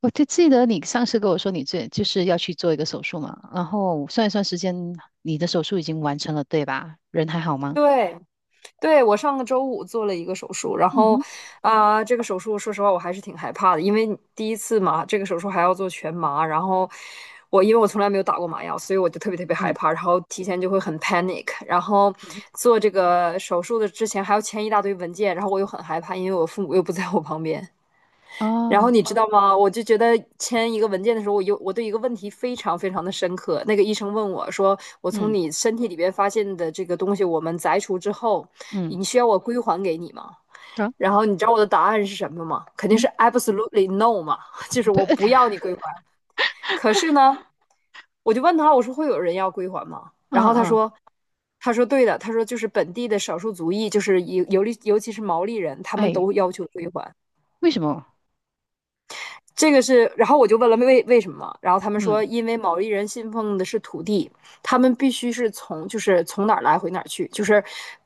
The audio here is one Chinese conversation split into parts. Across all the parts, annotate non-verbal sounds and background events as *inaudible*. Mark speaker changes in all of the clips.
Speaker 1: 我就记得你上次跟我说就是要去做一个手术嘛，然后算一算时间，你的手术已经完成了，对吧？人还好吗？
Speaker 2: 对，对，我上个周五做了一个手术，然
Speaker 1: 嗯
Speaker 2: 后
Speaker 1: 哼。
Speaker 2: 啊、这个手术说实话我还是挺害怕的，因为第一次嘛，这个手术还要做全麻，然后因为我从来没有打过麻药，所以我就特别特别害
Speaker 1: 嗯
Speaker 2: 怕，然后提前就会很 panic，然后
Speaker 1: 嗯
Speaker 2: 做这个手术的之前还要签一大堆文件，然后我又很害怕，因为我父母又不在我旁边。
Speaker 1: 哼。
Speaker 2: 然后
Speaker 1: 哦。
Speaker 2: 你知道吗？我就觉得签一个文件的时候，我对一个问题非常非常的深刻。那个医生问我说："我从
Speaker 1: 嗯
Speaker 2: 你身体里边发现的这个东西，我们摘除之后，
Speaker 1: 嗯。
Speaker 2: 你需要我归还给你吗？"
Speaker 1: 啊。
Speaker 2: 然后你知道我的答案是什么吗？肯定是
Speaker 1: 嗯。
Speaker 2: absolutely no 嘛，*laughs* 就是
Speaker 1: 对。
Speaker 2: 我
Speaker 1: *laughs*
Speaker 2: 不要你归还。可是呢，我就问他，我说会有人要归还吗？然
Speaker 1: 嗯
Speaker 2: 后他
Speaker 1: 嗯。
Speaker 2: 说，他说对的，他说就是本地的少数族裔，就是尤其是毛利人，他们
Speaker 1: 哎，
Speaker 2: 都要求归还。
Speaker 1: 为什么？
Speaker 2: 这个是，然后我就问了为什么，然后他们
Speaker 1: 嗯
Speaker 2: 说，因为毛利人信奉的是土地，他们必须是从就是从哪儿来回哪儿去，就是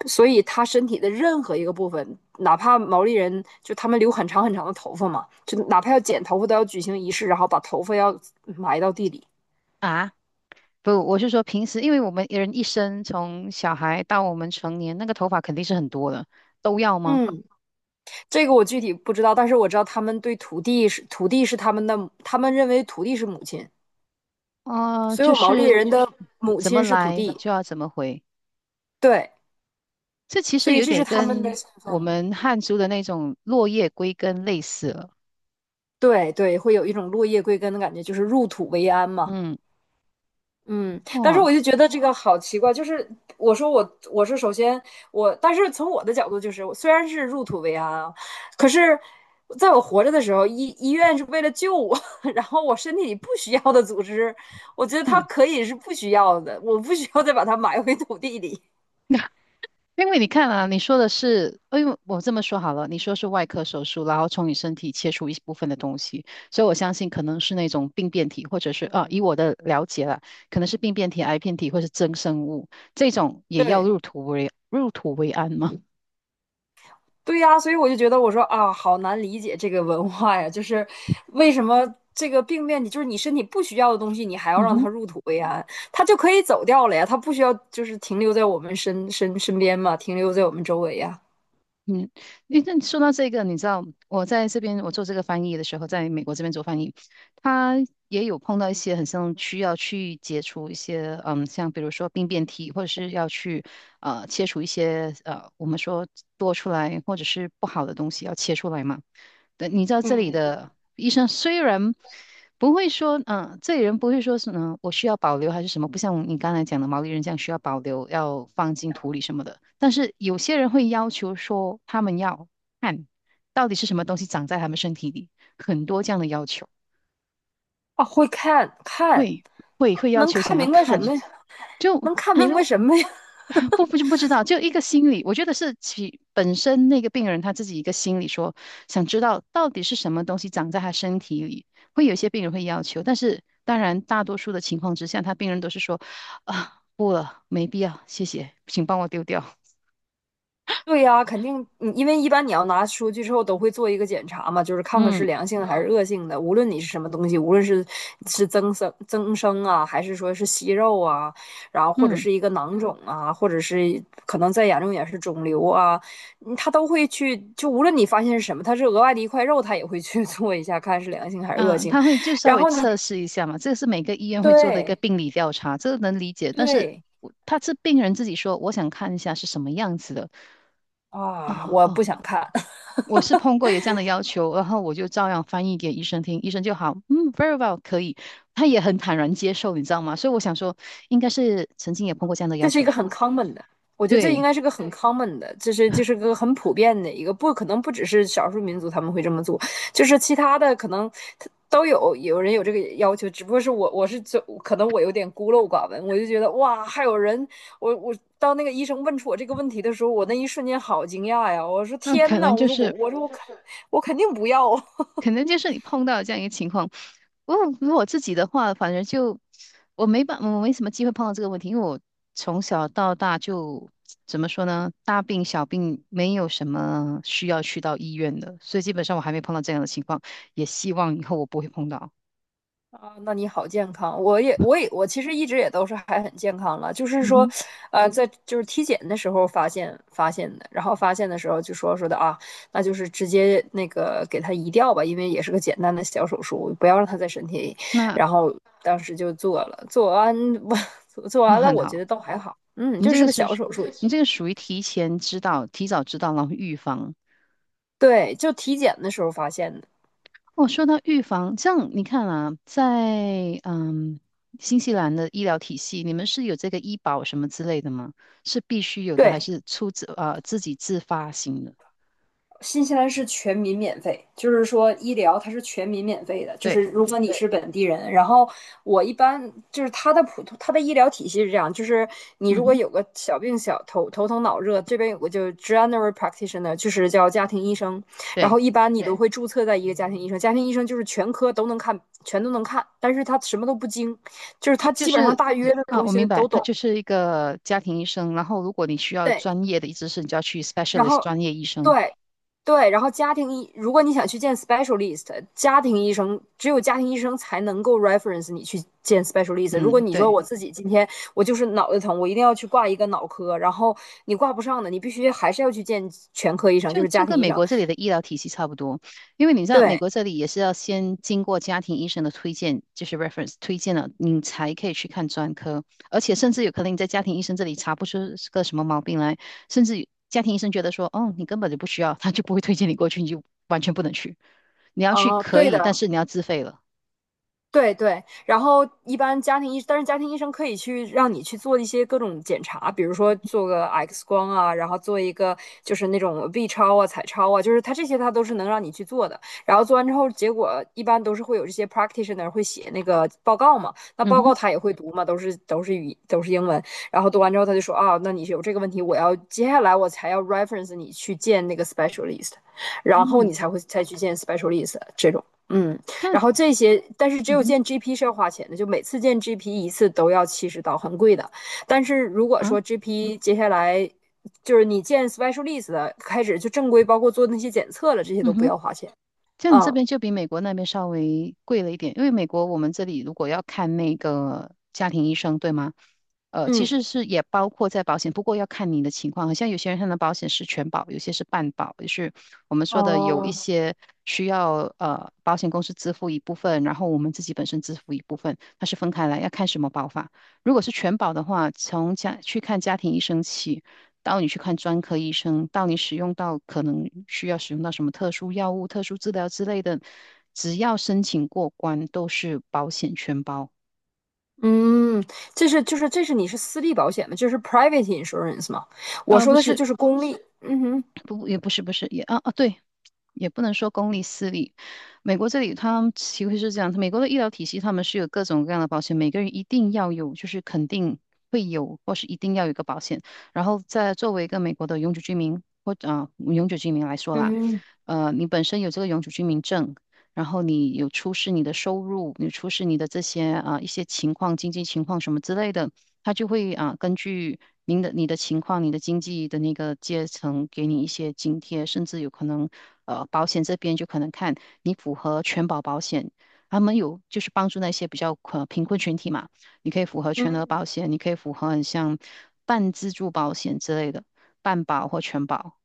Speaker 2: 所以他身体的任何一个部分，哪怕毛利人就他们留很长很长的头发嘛，就哪怕要剪头发都要举行仪式，然后把头发要埋到地里。
Speaker 1: 啊，不，我是说平时，因为我们人一生从小孩到我们成年，那个头发肯定是很多的，都要吗？
Speaker 2: 嗯，这个我具体不知道，但是我知道他们对土地是他们的，他们认为土地是母亲，
Speaker 1: 啊，
Speaker 2: 所
Speaker 1: 就
Speaker 2: 有毛利
Speaker 1: 是
Speaker 2: 人的母
Speaker 1: 怎么
Speaker 2: 亲是土
Speaker 1: 来
Speaker 2: 地，
Speaker 1: 就要怎么回。
Speaker 2: 对，
Speaker 1: 这其
Speaker 2: 所
Speaker 1: 实
Speaker 2: 以
Speaker 1: 有
Speaker 2: 这是
Speaker 1: 点
Speaker 2: 他们的
Speaker 1: 跟
Speaker 2: 信
Speaker 1: 我
Speaker 2: 奉。
Speaker 1: 们汉族的那种落叶归根类似了。
Speaker 2: 对对，会有一种落叶归根的感觉，就是入土为安嘛。
Speaker 1: 嗯。
Speaker 2: 嗯，但是
Speaker 1: 哦。
Speaker 2: 我就觉得这个好奇怪，就是我说我我是首先我，但是从我的角度就是，我虽然是入土为安啊，可是在我活着的时候，医院是为了救我，*laughs* 然后我身体里不需要的组织，我觉得它
Speaker 1: 嗯。
Speaker 2: 可以是不需要的，我不需要再把它埋回土地里。*laughs*
Speaker 1: *laughs* 因为你看啊，你说的是，哎呦，我这么说好了，你说是外科手术，然后从你身体切除一部分的东西，所以我相信可能是那种病变体，或者是啊，以我的了解啦，可能是病变体、癌变体或是增生物，这种也要
Speaker 2: 对，
Speaker 1: 入土为安吗？
Speaker 2: 对呀，所以我就觉得我说啊，好难理解这个文化呀，就是为什么这个病变，你就是你身体不需要的东西，你还要
Speaker 1: 嗯
Speaker 2: 让它
Speaker 1: 哼。
Speaker 2: 入土为安，它就可以走掉了呀，它不需要就是停留在我们身边嘛，停留在我们周围呀。
Speaker 1: 嗯，诶那说到这个，你知道我在这边我做这个翻译的时候，在美国这边做翻译，他也有碰到一些很像需要去解除一些，像比如说病变体，或者是要去切除一些我们说多出来或者是不好的东西要切出来嘛。对，你知道这里
Speaker 2: 嗯，
Speaker 1: 的医生虽然不会说，这里人不会说是，我需要保留还是什么，不像你刚才讲的毛利人这样需要保留，要放进土里什么的。但是有些人会要求说，他们要看到底是什么东西长在他们身体里，很多这样的要求，
Speaker 2: 啊，会看看，
Speaker 1: 会会要
Speaker 2: 能
Speaker 1: 求想
Speaker 2: 看
Speaker 1: 要
Speaker 2: 明白什
Speaker 1: 看，
Speaker 2: 么呀？
Speaker 1: 就
Speaker 2: 能看
Speaker 1: 他
Speaker 2: 明白什么呀？*laughs*
Speaker 1: 不知道，就一个心理，我觉得是其本身那个病人他自己一个心理说，想知道到底是什么东西长在他身体里，会有一些病人会要求，但是当然大多数的情况之下，他病人都是说啊不了，没必要，谢谢，请帮我丢掉。
Speaker 2: 对呀，肯定，嗯因为一般你要拿出去之后都会做一个检查嘛，就是看看是
Speaker 1: 嗯
Speaker 2: 良性的还是恶性的。无论你是什么东西，无论是增生啊，还是说是息肉啊，然后或者
Speaker 1: 嗯
Speaker 2: 是一个囊肿啊，或者是可能再严重点是肿瘤啊，嗯他都会去，就无论你发现是什么，它是额外的一块肉，他也会去 *laughs* 做一下，看是良性还是恶
Speaker 1: 嗯，
Speaker 2: 性。
Speaker 1: 他会就稍
Speaker 2: 然
Speaker 1: 微
Speaker 2: 后你
Speaker 1: 测试一下嘛，这个是每个医院会做的一个
Speaker 2: 对
Speaker 1: 病理调查，这个能理解，但是
Speaker 2: 对
Speaker 1: 我他是病人自己说，我想看一下是什么样子的。哦
Speaker 2: 啊，我
Speaker 1: 哦，
Speaker 2: 不想看。
Speaker 1: 我是碰过有这样的要求，然后我就照样翻译给医生听，医生就好，嗯，very well，可以，他也很坦然接受，你知道吗？所以我想说，应该是曾经也碰过这样的要
Speaker 2: 这是
Speaker 1: 求
Speaker 2: 一个
Speaker 1: 吧？
Speaker 2: 很 common 的，我觉得这应
Speaker 1: 对，
Speaker 2: 该是个很 common 的，就是就是个很普遍的一个，不可能不只是少数民族他们会这么做，就是其他的可能都有人有这个要求，只不过是我是就可能我有点孤陋寡闻，我就觉得哇，还有人，我到那个医生问出我这个问题的时候，我那一瞬间好惊讶呀，我说
Speaker 1: 那可
Speaker 2: 天呐，
Speaker 1: 能
Speaker 2: 我
Speaker 1: 就
Speaker 2: 说我
Speaker 1: 是，
Speaker 2: 我说我肯我肯定不要啊，
Speaker 1: 可能就是你碰到这样一个情况。我如果自己的话，反正就我没什么机会碰到这个问题，因为我从小到大就怎么说呢，大病小病没有什么需要去到医院的，所以基本上我还没碰到这样的情况，也希望以后我不会碰到。
Speaker 2: 啊，那你好健康，我也，我其实一直也都是还很健康了，就是
Speaker 1: 嗯
Speaker 2: 说，
Speaker 1: 哼。
Speaker 2: 呃，在就是体检的时候发现的，然后发现的时候就说的啊，那就是直接那个给他移掉吧，因为也是个简单的小手术，不要让他在身体里，
Speaker 1: 那
Speaker 2: 然后当时就做了，做完我 *laughs* 做
Speaker 1: 那
Speaker 2: 完了，
Speaker 1: 很
Speaker 2: 我觉
Speaker 1: 好，
Speaker 2: 得倒还好，嗯，
Speaker 1: 你
Speaker 2: 就
Speaker 1: 这
Speaker 2: 是
Speaker 1: 个
Speaker 2: 个
Speaker 1: 是
Speaker 2: 小手术，
Speaker 1: 你这个属于提前知道、提早知道，然后预防。
Speaker 2: 对，就体检的时候发现的，
Speaker 1: 哦，说到预防，这样你看啊，在新西兰的医疗体系，你们是有这个医保什么之类的吗？是必须有的，还
Speaker 2: 对。
Speaker 1: 是出自自己自发型的？
Speaker 2: 新西兰是全民免费，就是说医疗它是全民免费的，就是
Speaker 1: 对。
Speaker 2: 如果你是本地人，然后我一般就是它的普通它的医疗体系是这样，就是你
Speaker 1: 嗯
Speaker 2: 如果
Speaker 1: 哼。
Speaker 2: 有个小病小头疼脑热，这边有个就 general practitioner，就是叫家庭医生，然
Speaker 1: 对。
Speaker 2: 后一般你都会注册在一个家庭医生，家庭医生就是全科都能看，全都能看，但是他什么都不精，就是
Speaker 1: 他
Speaker 2: 他
Speaker 1: 就
Speaker 2: 基本上
Speaker 1: 是
Speaker 2: 大约的
Speaker 1: 啊，
Speaker 2: 东
Speaker 1: 我
Speaker 2: 西
Speaker 1: 明白，
Speaker 2: 都
Speaker 1: 他
Speaker 2: 懂。
Speaker 1: 就是一个家庭医生，然后如果你需要
Speaker 2: 对，
Speaker 1: 专业的医师，你就要去
Speaker 2: 然
Speaker 1: specialist
Speaker 2: 后，
Speaker 1: 专业医生。
Speaker 2: 对对，然后家庭医，如果你想去见 specialist，家庭医生只有家庭医生才能够 reference 你去见 specialist。如果
Speaker 1: 嗯，
Speaker 2: 你说
Speaker 1: 对。
Speaker 2: 我自己今天我就是脑袋疼，我一定要去挂一个脑科，然后你挂不上的，你必须还是要去见全科医生，就
Speaker 1: 就
Speaker 2: 是
Speaker 1: 就
Speaker 2: 家庭
Speaker 1: 跟
Speaker 2: 医
Speaker 1: 美
Speaker 2: 生。
Speaker 1: 国这里的医疗体系差不多，因为你知道美
Speaker 2: 对，
Speaker 1: 国这里也是要先经过家庭医生的推荐，就是 reference 推荐了，你才可以去看专科，而且甚至有可能你在家庭医生这里查不出是个什么毛病来，甚至家庭医生觉得说，哦，你根本就不需要，他就不会推荐你过去，你就完全不能去。你要去
Speaker 2: 啊、
Speaker 1: 可
Speaker 2: 对
Speaker 1: 以，但
Speaker 2: 的，
Speaker 1: 是你要自费了。
Speaker 2: 对对，然后一般家庭医，但是家庭医生可以去让你去做一些各种检查，比如说做个 X 光啊，然后做一个就是那种 B 超啊、彩超啊，就是他这些他都是能让你去做的。然后做完之后，结果一般都是会有这些 practitioner 会写那个报告嘛，那
Speaker 1: 嗯
Speaker 2: 报
Speaker 1: 哼。
Speaker 2: 告他也会读嘛，都是英文。然后读完之后他就说啊，那你有这个问题，我要接下来我才要 reference 你去见那个 specialist，然后你
Speaker 1: 嗯。
Speaker 2: 才会再去见 specialist 这种，嗯。然后
Speaker 1: 但
Speaker 2: 这些，但是只
Speaker 1: 嗯
Speaker 2: 有
Speaker 1: 哼
Speaker 2: 见 GP 是要花钱的，就每次见 GP 一次都要70刀，很贵的。但是如果
Speaker 1: 啊。
Speaker 2: 说 GP 接下来就是你见 specialist 的开始就正规，包括做那些检测了，这些都
Speaker 1: 嗯
Speaker 2: 不
Speaker 1: 哼。
Speaker 2: 要花钱。
Speaker 1: 像你这
Speaker 2: 啊，
Speaker 1: 边就比美国那边稍微贵了一点，因为美国我们这里如果要看那个家庭医生，对吗？其
Speaker 2: 嗯
Speaker 1: 实是也包括在保险，不过要看你的情况。好像有些人他的保险是全保，有些是半保，就是我们说的有一
Speaker 2: 哦，
Speaker 1: 些需要保险公司支付一部分，然后我们自己本身支付一部分，它是分开来，要看什么保法。如果是全保的话，从家去看家庭医生起。到你去看专科医生，到你使用到可能需要使用到什么特殊药物、特殊治疗之类的，只要申请过关，都是保险全包。
Speaker 2: 嗯，这是就是这是你是私立保险吗？就是 private insurance 吗？我说
Speaker 1: 不
Speaker 2: 的是
Speaker 1: 是，
Speaker 2: 就是公立。嗯哼，
Speaker 1: 不，也不是，不是，也对，也不能说公立私立。美国这里他们其实是这样，美国的医疗体系他们是有各种各样的保险，每个人一定要有，就是肯定会有，或是一定要有一个保险。然后再作为一个美国的永久居民来说啦，
Speaker 2: 嗯
Speaker 1: 你本身有这个永久居民证，然后你有出示你的收入，你出示你的这些一些情况、经济情况什么之类的。他就会啊，根据你的情况、你的经济的那个阶层，给你一些津贴，甚至有可能，保险这边就可能看你符合全保保险，他们有就是帮助那些比较贫困群体嘛，你可以符合全额
Speaker 2: 嗯。
Speaker 1: 保险，你可以符合很像半自助保险之类的，半保或全保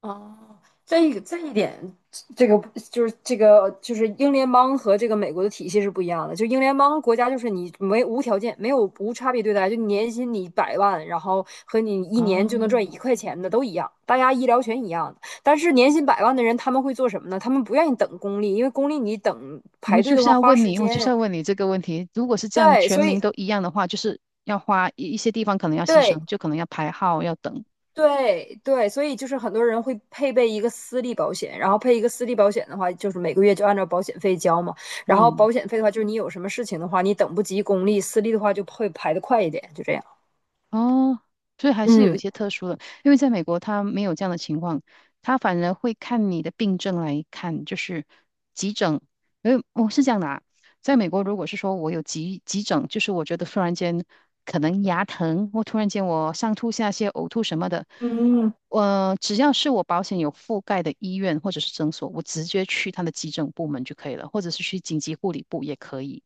Speaker 2: 哦，这个这一点，这个就是这个就是英联邦和这个美国的体系是不一样的。就英联邦国家，就是你没无条件、没有无差别对待，就你年薪你百万，然后和你一年就能赚
Speaker 1: 啊。
Speaker 2: 一块钱的都一样，大家医疗权一样的。但是年薪百万的人，他们会做什么呢？他们不愿意等公立，因为公立你等排队的话花时
Speaker 1: 我就是
Speaker 2: 间。
Speaker 1: 要问你这个问题。如果是这样，
Speaker 2: 对，
Speaker 1: 全
Speaker 2: 所以
Speaker 1: 民都一样的话，就是要花一些地方可能要牺
Speaker 2: 对，
Speaker 1: 牲，就可能要排号，要等。
Speaker 2: 对对，所以就是很多人会配备一个私立保险，然后配一个私立保险的话，就是每个月就按照保险费交嘛。然后
Speaker 1: 嗯。
Speaker 2: 保险费的话，就是你有什么事情的话，你等不及公立，私立的话就会排的快一点，就这样。
Speaker 1: 哦，所以还是有一
Speaker 2: 嗯，
Speaker 1: 些特殊的，因为在美国他没有这样的情况，他反而会看你的病症来看，就是急诊。因为我是这样的啊，在美国如果是说我有急诊，就是我觉得突然间可能牙疼，或突然间我上吐下泻、呕吐什么的，
Speaker 2: 嗯，
Speaker 1: 只要是我保险有覆盖的医院或者是诊所，我直接去他的急诊部门就可以了，或者是去紧急护理部也可以。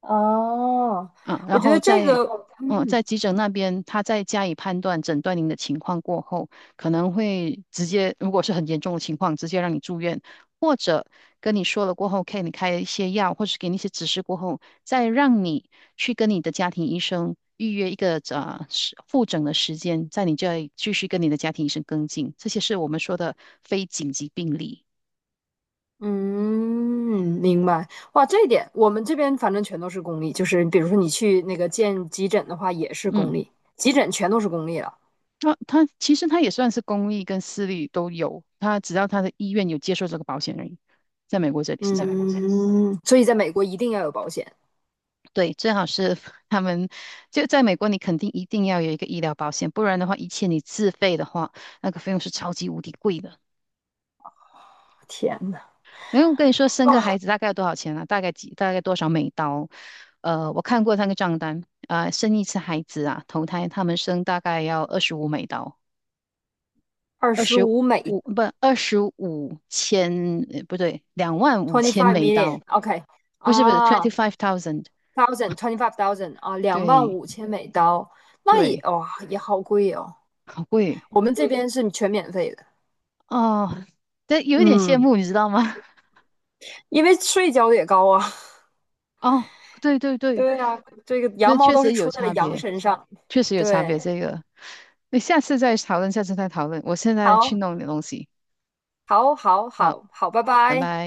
Speaker 2: 哦，
Speaker 1: 啊，
Speaker 2: 我
Speaker 1: 然
Speaker 2: 觉
Speaker 1: 后
Speaker 2: 得这
Speaker 1: 在
Speaker 2: 个，
Speaker 1: 嗯，
Speaker 2: 嗯
Speaker 1: 在急诊那边，他再加以判断、诊断您的情况过后，可能会直接，如果是很严重的情况，直接让你住院，或者跟你说了过后，给你开一些药，或是给你一些指示过后，再让你去跟你的家庭医生预约一个复诊的时间，在你这里继续跟你的家庭医生跟进。这些是我们说的非紧急病例。
Speaker 2: 嗯，明白。哇，这一点我们这边反正全都是公立，就是比如说你去那个见急诊的话，也是公
Speaker 1: 嗯。
Speaker 2: 立，急诊全都是公立了。
Speaker 1: 他其实他也算是公立跟私立都有，他只要他的医院有接受这个保险而已，在美国这里是这样。
Speaker 2: 嗯，所以在美国一定要有保险。
Speaker 1: 对，最好是 *laughs* 他们就在美国，你肯定一定要有一个医疗保险，不然的话，一切你自费的话，那个费用是超级无敌贵的。
Speaker 2: 天呐！
Speaker 1: 然后我跟你说，生个孩子大概要多少钱啊？大概多少美刀？我看过那个账单，啊、生一次孩子啊，头胎他们生大概要$25，
Speaker 2: 二
Speaker 1: 二
Speaker 2: 十
Speaker 1: 十
Speaker 2: 五美
Speaker 1: 五不25,000，不对，两万五
Speaker 2: ，twenty
Speaker 1: 千
Speaker 2: five
Speaker 1: 美刀，
Speaker 2: million，OK，、
Speaker 1: 不是不是
Speaker 2: 啊
Speaker 1: ，25,000，
Speaker 2: ，thousand 25,000 啊，两万
Speaker 1: 对
Speaker 2: 五千美刀，那也
Speaker 1: 对，
Speaker 2: 哇、也好贵哦。
Speaker 1: 好贵
Speaker 2: 我们这边是全免费的，
Speaker 1: 哦，但有一点羡
Speaker 2: 嗯，
Speaker 1: 慕，你知道吗？
Speaker 2: 因为税交的也高啊。*laughs*
Speaker 1: *laughs* 哦，对对对，
Speaker 2: 对啊，这个羊
Speaker 1: 这
Speaker 2: 毛
Speaker 1: 确
Speaker 2: 都是
Speaker 1: 实有
Speaker 2: 出在了
Speaker 1: 差
Speaker 2: 羊
Speaker 1: 别，
Speaker 2: 身上。
Speaker 1: 确实有差别。
Speaker 2: 对，
Speaker 1: 这个，那下次再讨论，下次再讨论。我现在去
Speaker 2: 好，
Speaker 1: 弄点东西，
Speaker 2: 好，好，
Speaker 1: 好，
Speaker 2: 好，好，拜
Speaker 1: 拜
Speaker 2: 拜。
Speaker 1: 拜。